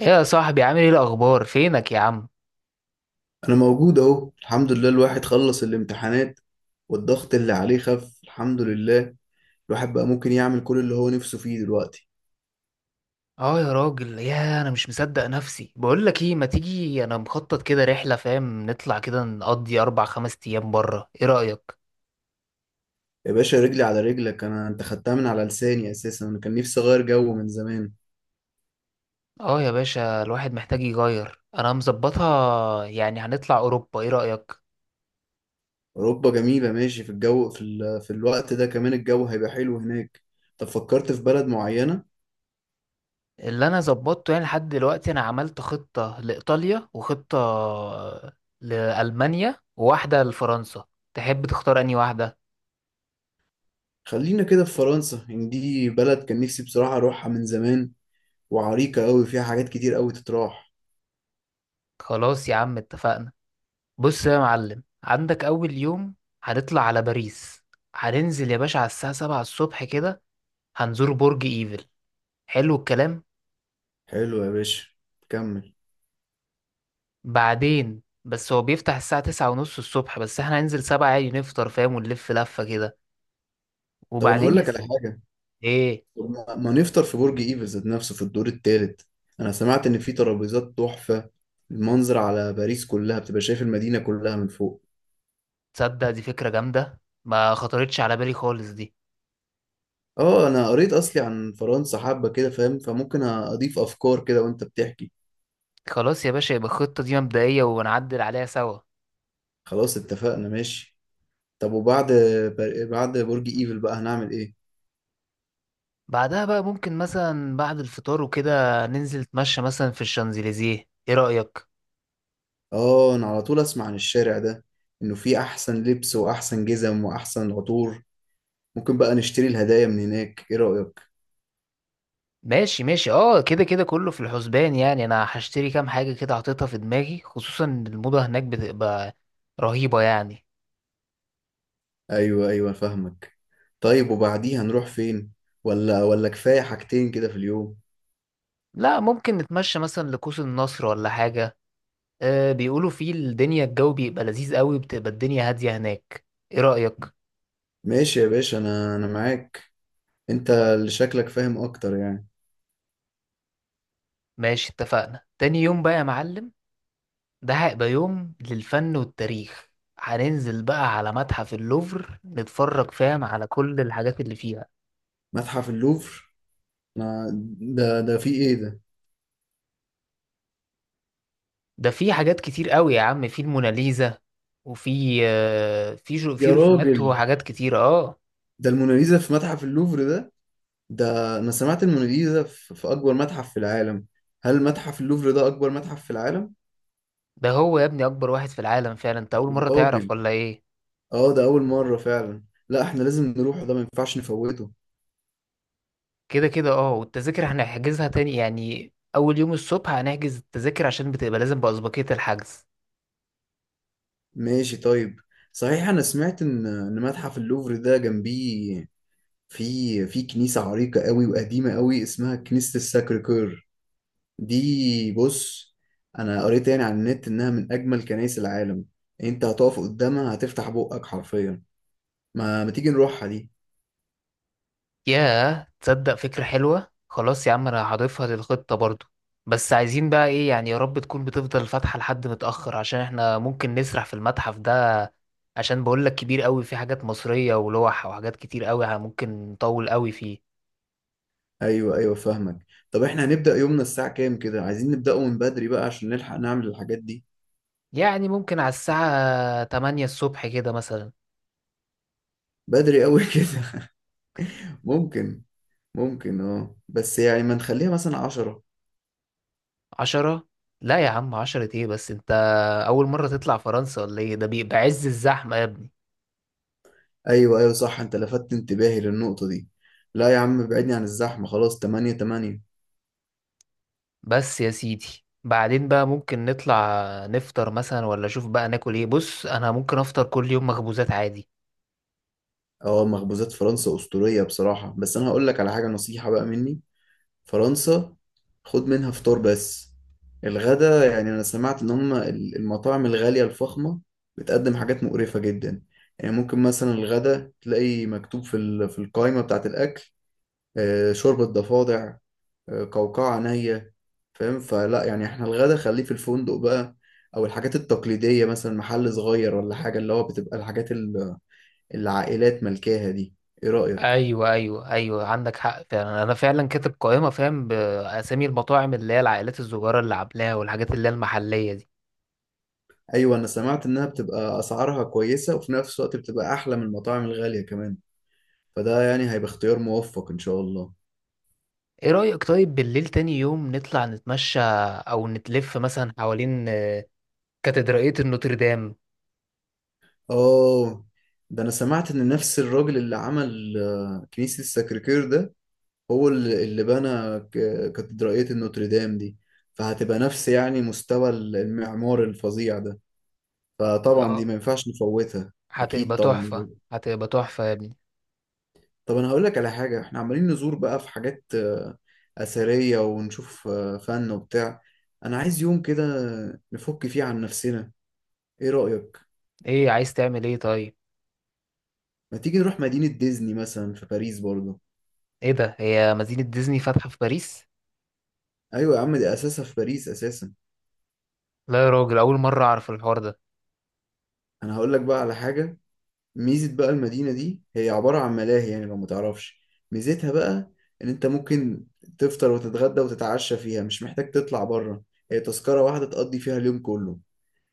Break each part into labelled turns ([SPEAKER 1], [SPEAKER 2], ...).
[SPEAKER 1] ايه يا صاحبي، عامل ايه؟ الاخبار، فينك يا عم؟
[SPEAKER 2] انا موجود اهو، الحمد لله. الواحد خلص الامتحانات والضغط اللي عليه خف، الحمد لله. الواحد بقى ممكن يعمل كل اللي هو نفسه فيه دلوقتي.
[SPEAKER 1] اه يا راجل يا، انا مش مصدق نفسي. بقول لك ايه، ما تيجي، انا مخطط كده رحله، فاهم، نطلع كده نقضي اربع خمس ايام بره. ايه رايك؟
[SPEAKER 2] يا باشا، رجلي على رجلك. انا انت خدتها من على لساني اساسا. انا كان نفسي اغير جو من زمان.
[SPEAKER 1] اه يا باشا، الواحد محتاج يغير. انا مظبطها يعني، هنطلع اوروبا. ايه رايك؟
[SPEAKER 2] اوروبا جميلة، ماشي. في الجو، في الوقت ده كمان الجو هيبقى حلو هناك. طب فكرت في بلد معينة؟
[SPEAKER 1] اللي انا ظبطته يعني لحد دلوقتي، انا عملت خطه لايطاليا وخطه لالمانيا وواحده لفرنسا. تحب تختار انهي واحده؟
[SPEAKER 2] خلينا كده في فرنسا، ان دي بلد كان نفسي بصراحة اروحها من زمان، وعريقة قوي، فيها حاجات كتير قوي تتراح.
[SPEAKER 1] خلاص يا عم اتفقنا. بص يا معلم، عندك أول يوم هنطلع على باريس. هننزل يا باشا على الساعة سبعة الصبح كده، هنزور برج إيفل. حلو الكلام.
[SPEAKER 2] حلو يا باشا، كمل.
[SPEAKER 1] بعدين بس هو بيفتح الساعة تسعة ونص الصبح، بس احنا هننزل سبعة عادي، نفطر، فاهم، ونلف لفة كده.
[SPEAKER 2] طب انا
[SPEAKER 1] وبعدين
[SPEAKER 2] هقول
[SPEAKER 1] يا
[SPEAKER 2] لك على
[SPEAKER 1] سيدي،
[SPEAKER 2] حاجة.
[SPEAKER 1] ايه.
[SPEAKER 2] طب ما نفطر في برج ايفل ذات نفسه في الدور التالت؟ انا سمعت ان في ترابيزات تحفة. المنظر على باريس كلها بتبقى شايف المدينة كلها من فوق.
[SPEAKER 1] تصدق دي فكرة جامدة، ما خطرتش على بالي خالص دي.
[SPEAKER 2] اه، انا قريت اصلي عن فرنسا حبة كده، فاهم، فممكن اضيف افكار كده وانت بتحكي.
[SPEAKER 1] خلاص يا باشا، يبقى الخطة دي مبدئية ونعدل عليها سوا.
[SPEAKER 2] خلاص اتفقنا ماشي. طب وبعد، بعد برج ايفل بقى هنعمل ايه؟
[SPEAKER 1] بعدها بقى ممكن مثلا بعد الفطار وكده ننزل نتمشى مثلا في الشانزليزيه. ايه رأيك؟
[SPEAKER 2] اه انا على طول اسمع عن الشارع ده، انه فيه احسن لبس واحسن جزم واحسن عطور. ممكن بقى نشتري الهدايا من هناك، ايه رأيك؟
[SPEAKER 1] ماشي ماشي، اه كده كده كله في الحسبان يعني. انا هشتري كام حاجة كده، حاططها في دماغي، خصوصا إن الموضة هناك بتبقى رهيبة يعني.
[SPEAKER 2] ايوه ايوه، فاهمك. طيب وبعديها نروح فين؟ ولا كفايه حاجتين كده في اليوم؟
[SPEAKER 1] لا، ممكن نتمشى مثلا لقوس النصر ولا حاجة. آه، بيقولوا فيه الدنيا الجو بيبقى لذيذ قوي، بتبقى الدنيا هادية هناك. ايه رأيك؟
[SPEAKER 2] ماشي يا باشا، انا معاك. انت اللي شكلك فاهم اكتر يعني.
[SPEAKER 1] ماشي اتفقنا. تاني يوم بقى يا معلم، ده هيبقى يوم للفن والتاريخ. هننزل بقى على متحف اللوفر، نتفرج، فاهم، على كل الحاجات اللي فيه.
[SPEAKER 2] متحف اللوفر؟ أنا، ده فيه ايه ده؟
[SPEAKER 1] ده في حاجات كتير قوي يا عم، في الموناليزا، وفي في
[SPEAKER 2] يا
[SPEAKER 1] رسومات
[SPEAKER 2] راجل،
[SPEAKER 1] وحاجات كتير اه.
[SPEAKER 2] ده الموناليزا في متحف اللوفر ده؟ ده انا سمعت الموناليزا في اكبر متحف في العالم. هل متحف اللوفر ده اكبر متحف في العالم؟
[SPEAKER 1] ده هو يا ابني اكبر واحد في العالم فعلا. انت اول
[SPEAKER 2] يا
[SPEAKER 1] مرة تعرف
[SPEAKER 2] راجل،
[SPEAKER 1] ولا ايه؟
[SPEAKER 2] اه ده اول مره فعلا. لا احنا لازم نروح ده، ما ينفعش نفوته.
[SPEAKER 1] كده كده اه، والتذاكر هنحجزها تاني يعني. اول يوم الصبح هنحجز التذاكر، عشان بتبقى لازم بأسبقية الحجز.
[SPEAKER 2] ماشي طيب. صحيح انا سمعت ان متحف اللوفر ده جنبيه في كنيسة عريقة قوي وقديمة قوي، اسمها كنيسة الساكر كور. دي بص، انا قريت يعني على النت انها من اجمل كنائس العالم. انت هتقف قدامها هتفتح بقك حرفيا. ما تيجي نروحها دي؟
[SPEAKER 1] ياه، تصدق فكرة حلوة. خلاص يا عم انا هضيفها للخطة برضو. بس عايزين بقى ايه يعني، يا رب تكون بتفضل فاتحة لحد متأخر، عشان احنا ممكن نسرح في المتحف ده. عشان بقولك كبير قوي، في حاجات مصرية ولوح وحاجات كتير قوي، ممكن نطول قوي فيه.
[SPEAKER 2] ايوه ايوه، فاهمك. طب احنا هنبدأ يومنا الساعة كام كده؟ عايزين نبدأه من بدري بقى عشان نلحق نعمل الحاجات دي.
[SPEAKER 1] يعني ممكن على الساعة 8 الصبح كده مثلا.
[SPEAKER 2] بدري قوي كده. ممكن. اه، بس يعني ما نخليها مثلا 10؟
[SPEAKER 1] 10؟ لا يا عم، 10 ايه بس انت؟ اول مرة تطلع فرنسا ولا ايه؟ ده بيبقى عز الزحمة يا ابني.
[SPEAKER 2] ايوه ايوه صح، انت لفتت انتباهي للنقطة دي. لا يا عم، ابعدني عن الزحمة. خلاص 8 8.
[SPEAKER 1] بس يا سيدي، بعدين بقى ممكن نطلع نفطر مثلا، ولا شوف بقى ناكل ايه. بص انا ممكن افطر كل يوم مخبوزات عادي.
[SPEAKER 2] اه، مخبوزات فرنسا أسطورية بصراحة. بس انا هقول لك على حاجة، نصيحة بقى مني. فرنسا، خد منها فطار بس. الغدا، يعني انا سمعت ان هم المطاعم الغالية الفخمة بتقدم حاجات مقرفة جدا. يعني ممكن مثلا الغدا تلاقي مكتوب في في القائمة بتاعة الاكل، شوربة ضفادع، قوقعة عينيا، فاهم. فلا يعني احنا الغدا خليه في الفندق بقى، او الحاجات التقليدية، مثلا محل صغير ولا حاجة، اللي هو بتبقى الحاجات اللي العائلات ملكاها دي. ايه رأيك؟
[SPEAKER 1] ايوه ايوه ايوه، عندك حق فعلا. انا فعلا كاتب قائمه، فاهم، باسامي المطاعم اللي هي العائلات الصغيره اللي عاملاها، والحاجات اللي هي المحليه دي.
[SPEAKER 2] ايوه، انا سمعت انها بتبقى اسعارها كويسة، وفي نفس الوقت بتبقى احلى من المطاعم الغالية كمان. فده يعني هيبقى اختيار موفق ان شاء الله.
[SPEAKER 1] ايه رايك طيب، بالليل تاني يوم نطلع نتمشى او نتلف مثلا حوالين كاتدرائيه النوتردام.
[SPEAKER 2] اه، ده انا سمعت ان نفس الراجل اللي عمل كنيسة السكركير ده هو اللي بنى كاتدرائية النوتردام دي. فهتبقى نفس يعني مستوى المعمار الفظيع ده. فطبعا دي
[SPEAKER 1] اه،
[SPEAKER 2] ما ينفعش نفوتها أكيد
[SPEAKER 1] هتبقى
[SPEAKER 2] طبعا.
[SPEAKER 1] تحفه، هتبقى تحفه يا ابني.
[SPEAKER 2] طب أنا هقول لك على حاجة. إحنا عمالين نزور بقى في حاجات أثرية، ونشوف فن وبتاع. أنا عايز يوم كده نفك فيه عن نفسنا. إيه رأيك؟
[SPEAKER 1] ايه؟ عايز تعمل ايه طيب؟
[SPEAKER 2] ما تيجي نروح مدينة ديزني مثلا في باريس برضه؟
[SPEAKER 1] ايه ده، هي مدينه ديزني فاتحه في باريس؟
[SPEAKER 2] أيوة يا عم، دي أساسها في باريس أساسا.
[SPEAKER 1] لا يا راجل، اول مره اعرف الحوار ده.
[SPEAKER 2] أنا هقول لك بقى على حاجة. ميزة بقى المدينة دي، هي عبارة عن ملاهي، يعني لو متعرفش. ميزتها بقى إن أنت ممكن تفطر وتتغدى وتتعشى فيها، مش محتاج تطلع بره. هي تذكرة واحدة تقضي فيها اليوم كله.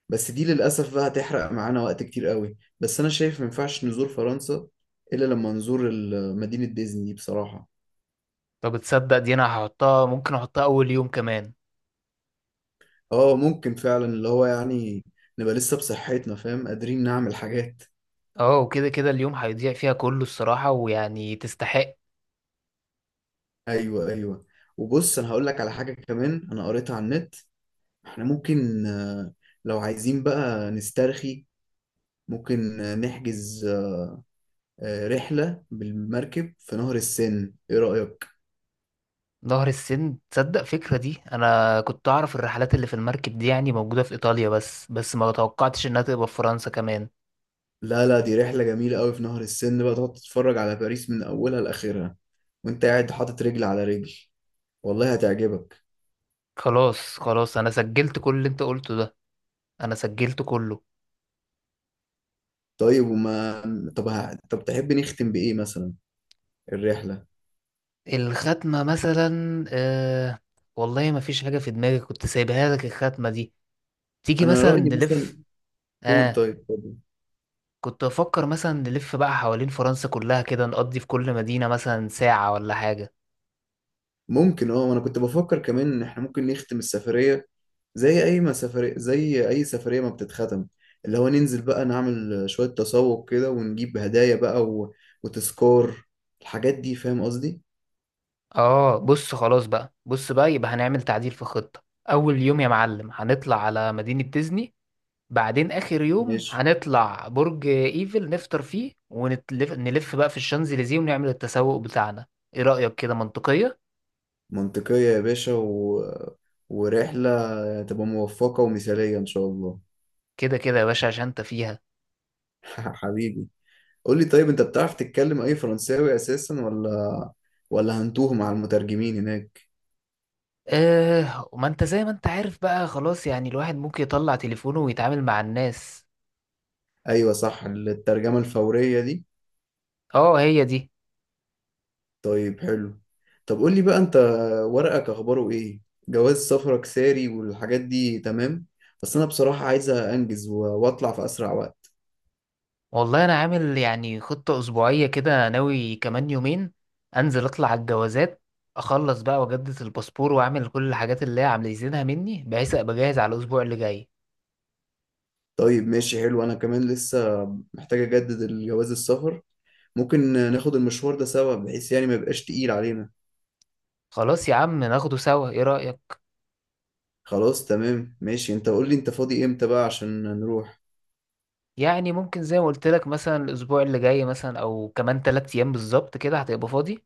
[SPEAKER 2] بس دي للأسف بقى هتحرق معانا وقت كتير قوي. بس أنا شايف مينفعش نزور فرنسا إلا لما نزور مدينة ديزني دي بصراحة.
[SPEAKER 1] طب تصدق دي، انا هحطها، ممكن احطها اول يوم كمان.
[SPEAKER 2] آه ممكن فعلا، اللي هو يعني نبقى لسه بصحتنا، فاهم، قادرين نعمل حاجات.
[SPEAKER 1] اه وكده كده اليوم هيضيع فيها كله الصراحه، ويعني تستحق.
[SPEAKER 2] أيوه أيوه. وبص أنا هقولك على حاجة كمان، أنا قريتها على النت. احنا ممكن، لو عايزين بقى نسترخي، ممكن نحجز رحلة بالمركب في نهر السن، ايه رأيك؟
[SPEAKER 1] نهر السن، تصدق فكره دي، انا كنت اعرف الرحلات اللي في المركب دي يعني موجوده في ايطاليا، بس ما توقعتش انها تبقى في فرنسا كمان.
[SPEAKER 2] لا لا، دي رحلة جميلة قوي في نهر السن، بقى تقعد تتفرج على باريس من أولها لآخرها وانت قاعد حاطط رجل على رجل. والله هتعجبك.
[SPEAKER 1] خلاص خلاص، انا سجلت كل اللي انت قلته ده. انا سجلت كله.
[SPEAKER 2] طيب، طب تحب نختم بإيه مثلا الرحلة؟
[SPEAKER 1] الختمه مثلا والله ما فيش حاجه في دماغي، كنت سايبها لك الختمه دي. تيجي
[SPEAKER 2] أنا
[SPEAKER 1] مثلا
[SPEAKER 2] رأيي مثلا.
[SPEAKER 1] نلف.
[SPEAKER 2] قول
[SPEAKER 1] آه،
[SPEAKER 2] طيب، اتفضل.
[SPEAKER 1] كنت بفكر مثلا نلف بقى حوالين فرنسا كلها كده، نقضي في كل مدينة مثلا ساعة ولا حاجة.
[SPEAKER 2] ممكن، اه، انا كنت بفكر كمان ان احنا ممكن نختم السفرية زي اي ما سفرية زي اي سفرية ما بتتختم، اللي هو ننزل بقى نعمل شوية تسوق كده ونجيب هدايا بقى و... وتذكار، الحاجات دي، فاهم قصدي.
[SPEAKER 1] اه بص، خلاص بقى، بص بقى يبقى هنعمل تعديل في الخطة. أول يوم يا معلم هنطلع على مدينة ديزني، بعدين آخر يوم
[SPEAKER 2] ماشي،
[SPEAKER 1] هنطلع برج إيفل نفطر فيه ونلف. بقى في الشانزليزيه، ونعمل التسوق بتاعنا. ايه رأيك، كده منطقية؟
[SPEAKER 2] منطقية يا باشا، و... ورحلة تبقى موفقة ومثالية ان شاء الله.
[SPEAKER 1] كده كده يا باشا عشان انت فيها.
[SPEAKER 2] حبيبي. قول لي طيب، انت بتعرف تتكلم اي فرنساوي اساسا، ولا هنتوه مع المترجمين هناك؟
[SPEAKER 1] اه، وما انت زي ما انت عارف بقى، خلاص يعني الواحد ممكن يطلع تليفونه ويتعامل مع الناس.
[SPEAKER 2] ايوه صح، الترجمة الفورية دي.
[SPEAKER 1] اه هي دي.
[SPEAKER 2] طيب حلو. طب قول لي بقى انت، ورقك اخباره ايه؟ جواز سفرك ساري والحاجات دي تمام؟ بس انا بصراحة عايزة انجز واطلع في اسرع وقت.
[SPEAKER 1] والله انا عامل يعني خطة اسبوعية كده، ناوي كمان يومين انزل اطلع على الجوازات، اخلص بقى واجدد الباسبور واعمل كل الحاجات اللي هي عايزينها مني، بحيث ابقى جاهز على الاسبوع اللي جاي.
[SPEAKER 2] طيب ماشي حلو، انا كمان لسه محتاج اجدد الجواز السفر. ممكن ناخد المشوار ده سوا بحيث يعني ما يبقاش تقيل علينا.
[SPEAKER 1] خلاص يا عم ناخده سوا، ايه رأيك؟
[SPEAKER 2] خلاص تمام ماشي. انت قول لي انت فاضي امتى بقى عشان نروح.
[SPEAKER 1] يعني ممكن زي ما قلت لك، مثلا الاسبوع اللي جاي، مثلا او كمان 3 ايام بالظبط كده هتبقى فاضي.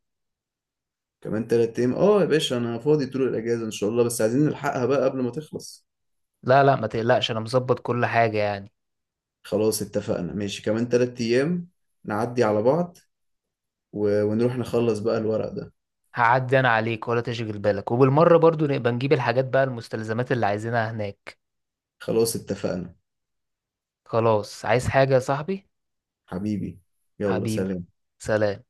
[SPEAKER 2] كمان 3 ايام اه يا باشا، انا فاضي طول الاجازة ان شاء الله، بس عايزين نلحقها بقى قبل ما تخلص.
[SPEAKER 1] لا لا، ما تقلقش، انا مظبط كل حاجة يعني.
[SPEAKER 2] خلاص اتفقنا ماشي، كمان 3 ايام نعدي على بعض ونروح نخلص بقى الورق ده.
[SPEAKER 1] هعدي انا عليك ولا تشغل بالك، وبالمرة برضو نبقى نجيب الحاجات بقى، المستلزمات اللي عايزينها هناك.
[SPEAKER 2] خلاص اتفقنا.
[SPEAKER 1] خلاص، عايز حاجة يا صاحبي؟
[SPEAKER 2] حبيبي، يلا
[SPEAKER 1] حبيبي،
[SPEAKER 2] سلام.
[SPEAKER 1] سلام.